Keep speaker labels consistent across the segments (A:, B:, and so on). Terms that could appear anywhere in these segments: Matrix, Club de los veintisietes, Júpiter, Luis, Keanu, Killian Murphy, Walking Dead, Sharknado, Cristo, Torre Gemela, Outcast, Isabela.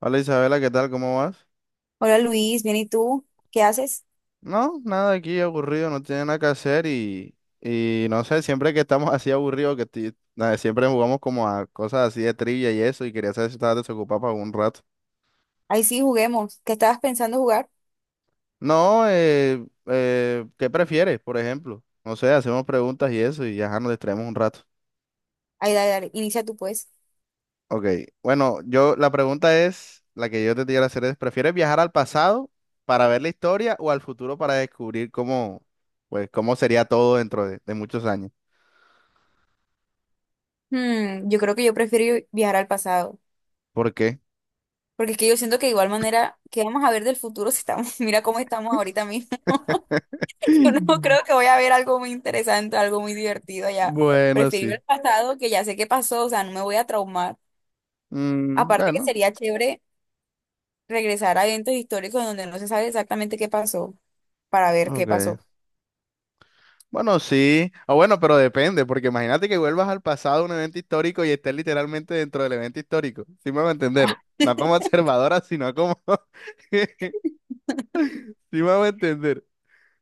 A: Hola Isabela, ¿qué tal? ¿Cómo vas?
B: Hola Luis, bien, ¿y tú? ¿Qué haces?
A: No, nada aquí aburrido, no tiene nada que hacer y no sé, siempre que estamos así aburridos, nada, siempre jugamos como a cosas así de trivia y eso y quería saber si estabas desocupado para un rato.
B: Ahí sí, juguemos. ¿Qué estabas pensando jugar?
A: No, ¿qué prefieres, por ejemplo? No sé, hacemos preguntas y eso y ya nos distraemos un rato.
B: Ahí, dale, inicia tú pues.
A: Ok, bueno, yo la pregunta es, la que yo te quiero hacer es, ¿prefieres viajar al pasado para ver la historia o al futuro para descubrir cómo, pues, cómo sería todo dentro de muchos años?
B: Yo creo que yo prefiero viajar al pasado,
A: ¿Por qué?
B: porque es que yo siento que de igual manera, ¿qué vamos a ver del futuro si estamos, mira cómo estamos ahorita mismo? Yo no creo que voy a ver algo muy interesante, algo muy divertido allá.
A: Bueno,
B: Prefiero
A: sí.
B: ir al pasado, que ya sé qué pasó, o sea, no me voy a traumar.
A: Mm,
B: Aparte que
A: bueno,
B: sería chévere regresar a eventos históricos donde no se sabe exactamente qué pasó, para ver qué
A: ok.
B: pasó.
A: Bueno, sí. O bueno, pero depende, porque imagínate que vuelvas al pasado a un evento histórico y estés literalmente dentro del evento histórico. Sí me va a entender.
B: Ah,
A: No como observadora, sino como... Sí me va a entender.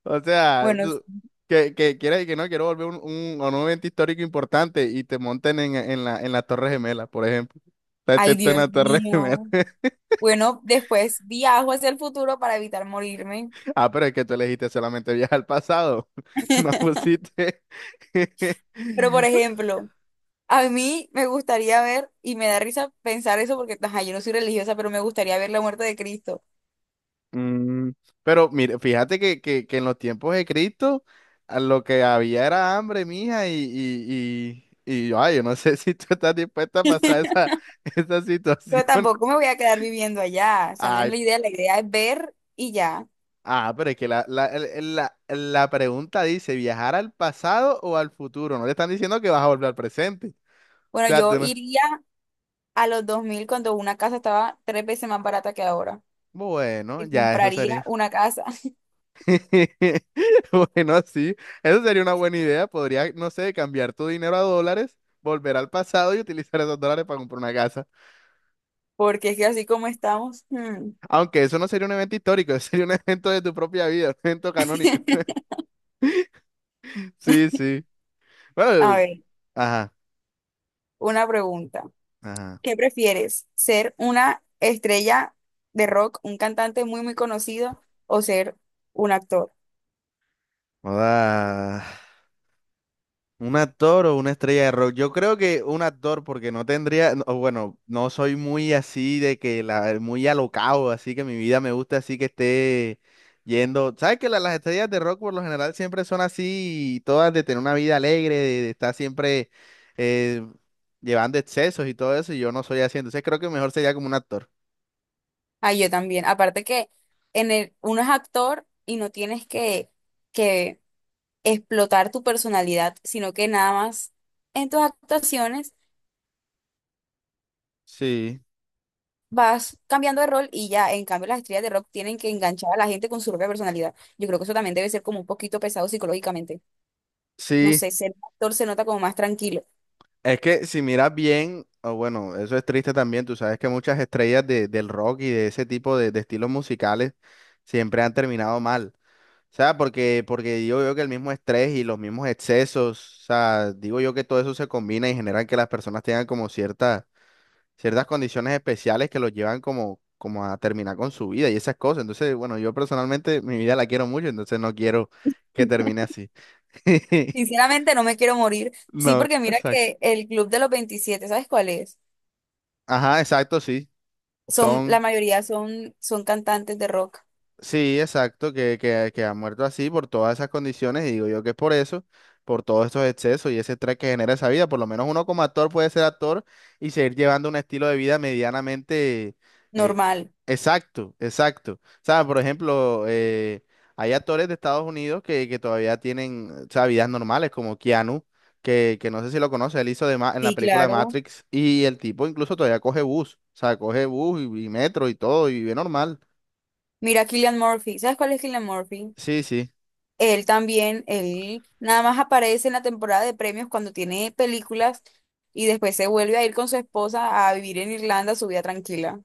A: O sea,
B: bueno,
A: que, quieras y que no, quiero volver a un evento histórico importante y te monten en la Torre Gemela, por ejemplo. Te te-
B: ay
A: te en
B: Dios
A: la Torre Gemela.
B: mío. Bueno, después viajo hacia el futuro para evitar morirme.
A: Ah, pero es que tú elegiste solamente viajar al pasado. No pusiste...
B: Pero, por ejemplo, a mí me gustaría ver, y me da risa pensar eso porque, ajá, yo no soy religiosa, pero me gustaría ver la muerte de Cristo.
A: Mm, pero mire, fíjate que en los tiempos de Cristo a lo que había era hambre, mija, ay, yo no sé si tú estás dispuesta a pasar esa
B: Yo
A: situación.
B: tampoco me voy a quedar viviendo allá. O sea, no es
A: Ay,
B: la idea es ver y ya.
A: ah, pero es que la, el- la pregunta dice, ¿viajar al pasado o al futuro? No le están diciendo que vas a volver al presente. O
B: Bueno,
A: sea,
B: yo
A: tú no-
B: iría a los 2000 cuando una casa estaba tres veces más barata que ahora.
A: bueno,
B: Y
A: ya eso
B: compraría
A: sería.
B: una casa,
A: Bueno, sí, eso sería una buena idea. Podría, no sé, cambiar tu dinero a dólares, volver al pasado y utilizar esos dólares para comprar una casa.
B: porque es que así como estamos. Hmm.
A: Aunque eso no sería un evento histórico, eso sería un evento de tu propia vida, un evento canónico. Sí, sí.
B: A
A: Bueno,
B: ver,
A: ajá,
B: una pregunta.
A: ajá.
B: ¿Qué prefieres? ¿Ser una estrella de rock, un cantante muy conocido o ser un actor?
A: Joda. ¿Un actor o una estrella de rock? Yo creo que un actor, porque no tendría, o bueno, no soy muy así de que la, muy alocado, así que mi vida me gusta así que esté yendo. ¿Sabes que las estrellas de rock por lo general siempre son así, todas de tener una vida alegre, de estar siempre eh, llevando excesos y todo eso, y yo no soy así, entonces creo que mejor sería como un actor.
B: Ah, yo también. Aparte que uno es actor y no tienes que explotar tu personalidad, sino que nada más en tus actuaciones
A: Sí.
B: vas cambiando de rol y ya, en cambio las estrellas de rock tienen que enganchar a la gente con su propia personalidad. Yo creo que eso también debe ser como un poquito pesado psicológicamente. No
A: Sí.
B: sé, ser actor se nota como más tranquilo.
A: Es que si miras bien, o bueno, eso es triste también, tú sabes que muchas estrellas de- del rock y de ese tipo de estilos musicales siempre han terminado mal. O sea, porque yo veo que el mismo estrés y los mismos excesos, o sea, digo yo que todo eso se combina y generan que las personas tengan como ciertas condiciones especiales que los llevan como, como a terminar con su vida y esas cosas. Entonces, bueno, yo personalmente mi vida la quiero mucho, entonces no quiero que termine así.
B: Sinceramente no me quiero morir. Sí,
A: No,
B: porque mira
A: exacto.
B: que el Club de los 27, ¿sabes cuál es?
A: Ajá, exacto, sí.
B: La
A: Son...
B: mayoría son cantantes de rock
A: Sí, exacto, que ha muerto así por todas esas condiciones y digo yo que es por eso, por todos estos excesos y ese estrés que genera esa vida, por lo menos uno como actor puede ser actor y seguir llevando un estilo de vida medianamente eh,
B: normal.
A: exacto, exacto. O sea, por ejemplo, hay actores de Estados Unidos que todavía tienen, o sea, vidas normales como Keanu, que no sé si lo conoce, él hizo de en la
B: Sí,
A: película de
B: claro.
A: Matrix y el tipo incluso todavía coge bus, o sea, coge bus y metro y todo y vive normal.
B: Mira Killian Murphy. ¿Sabes cuál es Killian Murphy?
A: Sí, sí.
B: Él también, él nada más aparece en la temporada de premios cuando tiene películas y después se vuelve a ir con su esposa a vivir en Irlanda su vida tranquila.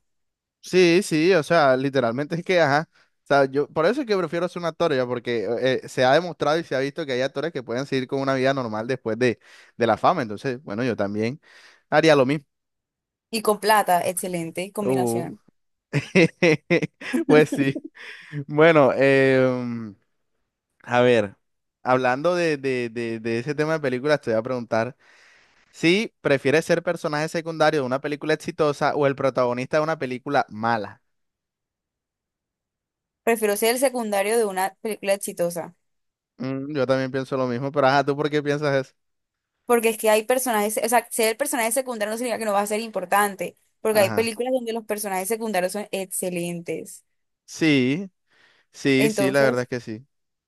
A: Sí, sí, o sea, literalmente es que, ajá, o sea, yo, por eso es que prefiero ser un actor ya, porque se ha demostrado y se ha visto que hay actores que pueden seguir con una vida normal después de la fama, entonces, bueno, yo también haría lo mismo.
B: Y con plata, excelente
A: Uh,
B: combinación.
A: Pues sí, bueno, a ver, hablando de ese tema de películas, te voy a preguntar si prefieres ser personaje secundario de una película exitosa o el protagonista de una película mala.
B: Prefiero ser el secundario de una película exitosa.
A: Mm, yo también pienso lo mismo, pero ajá, ¿tú por qué piensas eso?
B: Porque es que hay personajes, o sea, ser el personaje secundario no significa que no va a ser importante, porque hay
A: Ajá.
B: películas donde los personajes secundarios son excelentes.
A: Sí, sí, sí, la verdad es
B: Entonces,
A: que sí.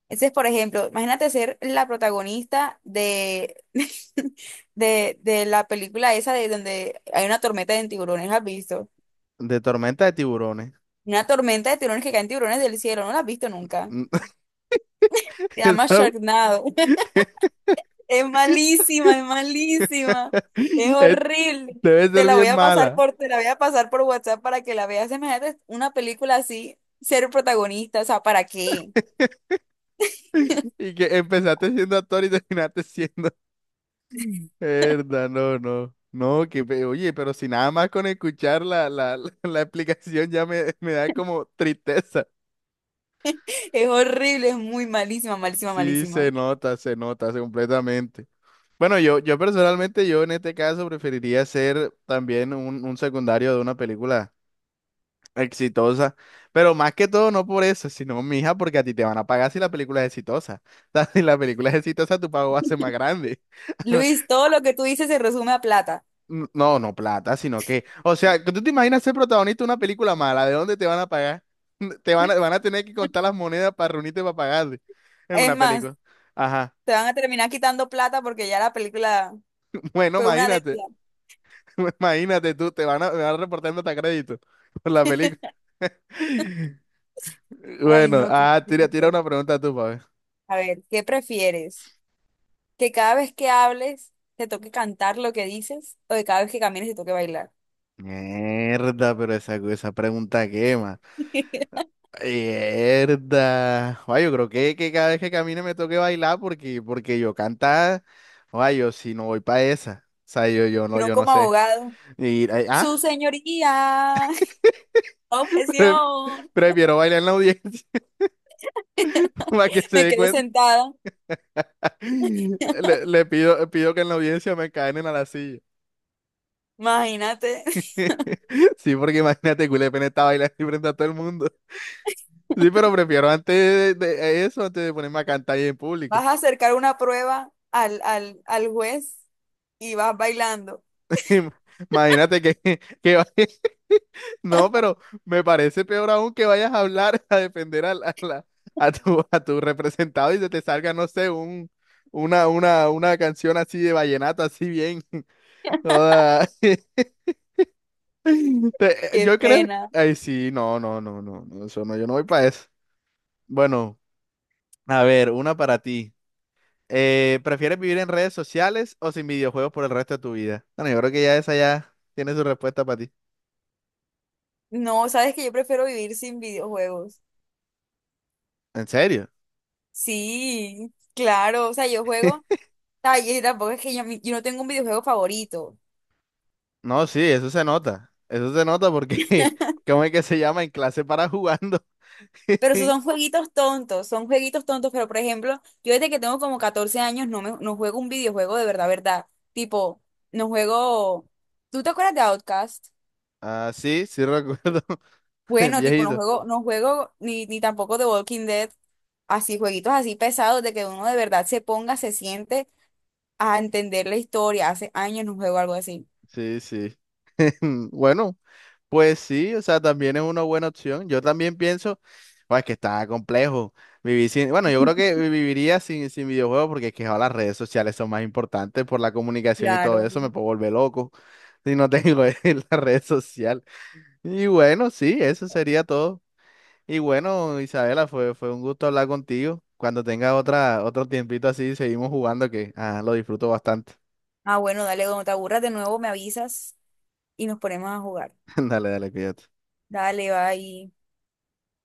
B: ese es, por ejemplo, imagínate ser la protagonista de la película esa de donde hay una tormenta de tiburones, ¿la ¿has visto?
A: De tormenta de tiburones.
B: Una tormenta de tiburones que caen tiburones del cielo, ¿no la has visto nunca? Se llama
A: Esa-
B: Sharknado. Es malísima, es malísima. Es
A: es-
B: horrible.
A: Debe ser bien mala.
B: Te la voy a pasar por WhatsApp para que la veas. Imagínate una película así, ser protagonista, o sea, ¿para qué?
A: Y que empezaste siendo actor y terminaste siendo. Verdad, no, no. No, que pe- oye, pero si nada más con escuchar la explicación ya me da como tristeza.
B: Es horrible, es muy malísima, malísima,
A: Sí, se
B: malísima.
A: nota, se nota, se completamente. Bueno, yo personalmente, yo en este caso preferiría ser también un secundario de una película exitosa. Pero más que todo, no por eso, sino, mija, porque a ti te van a pagar si la película es exitosa. O sea, si la película es exitosa, tu pago va a ser más grande.
B: Luis, todo lo que tú dices se resume a plata.
A: No, no plata, sino que. O sea, ¿tú te imaginas ser protagonista de una película mala? ¿De dónde te van a pagar? Te van a, van a tener que contar las monedas para reunirte para pagarle en
B: Es
A: una
B: más,
A: película. Ajá.
B: te van a terminar quitando plata porque ya la película
A: Bueno,
B: fue una
A: imagínate.
B: deuda.
A: Imagínate tú, te van a reportar hasta crédito por la película.
B: Ay,
A: Bueno,
B: no, qué
A: ah, tira
B: triste.
A: una pregunta tú, pa' ver.
B: A ver, ¿qué prefieres? Que cada vez que hables te toque cantar lo que dices o que cada vez que camines te toque bailar.
A: Mierda, pero esa pregunta quema. Mierda. Guay, yo creo que cada vez que camine me toque bailar porque yo cantar. Guay, yo si no voy para esa. O sea,
B: Y no
A: yo no
B: como
A: sé.
B: abogado.
A: Y, ay, ah,
B: Su señoría,
A: pre-
B: objeción.
A: prefiero bailar en la audiencia para que se
B: Me
A: dé
B: quedé
A: cuenta.
B: sentada.
A: Le pido, pido que en la audiencia me caen a la silla.
B: Imagínate,
A: Sí, porque imagínate, culé, Culepen está bailando ahí frente a todo el mundo. Sí, pero prefiero antes de eso, antes de ponerme a cantar ahí en público.
B: vas a acercar una prueba al juez y vas bailando.
A: Imagínate que, que vaya- No, pero me parece peor aún que vayas a hablar a defender a tu, a tu representado y se te salga, no sé, una canción así de vallenato, así bien. toda-
B: Qué
A: Yo creo que...
B: pena.
A: Ay, sí, no, no, no, no, no, eso no, yo no voy para eso. Bueno, a ver, una para ti. ¿Prefieres vivir en redes sociales o sin videojuegos por el resto de tu vida? Bueno, yo creo que ya esa ya tiene su respuesta para ti.
B: No, sabes que yo prefiero vivir sin videojuegos.
A: ¿En serio?
B: Sí, claro. O sea, yo juego. Ay, y tampoco es que yo no tengo un videojuego favorito.
A: No, sí, eso se nota. Eso se nota porque, ¿cómo es que se llama? En clase para jugando.
B: Pero esos son jueguitos tontos, pero por ejemplo, yo desde que tengo como 14 años no juego un videojuego de verdad, verdad. Tipo, no juego... ¿Tú te acuerdas de Outcast?
A: Ah, sí, sí recuerdo.
B: Bueno, tipo,
A: Viejito.
B: no juego ni tampoco de Walking Dead, así, jueguitos así pesados de que uno de verdad se ponga, se siente a entender la historia. Hace años no juego algo así.
A: Sí, sí. Bueno, pues sí, o sea, también es una buena opción. Yo también pienso, "Buah, es que está complejo vivir sin, bueno, yo creo que viviría sin, sin videojuegos porque es que ahora las redes sociales son más importantes por la comunicación y todo
B: Claro.
A: eso, me puedo volver loco si no tengo la red social. Y bueno, sí, eso sería todo. Y bueno, Isabela, fue un gusto hablar contigo. Cuando tengas otra, otro tiempito así, seguimos jugando que ah, lo disfruto bastante.
B: Ah, bueno, dale, cuando te aburras de nuevo me avisas y nos ponemos a jugar.
A: Dale, dale, cuídate.
B: Dale, bye.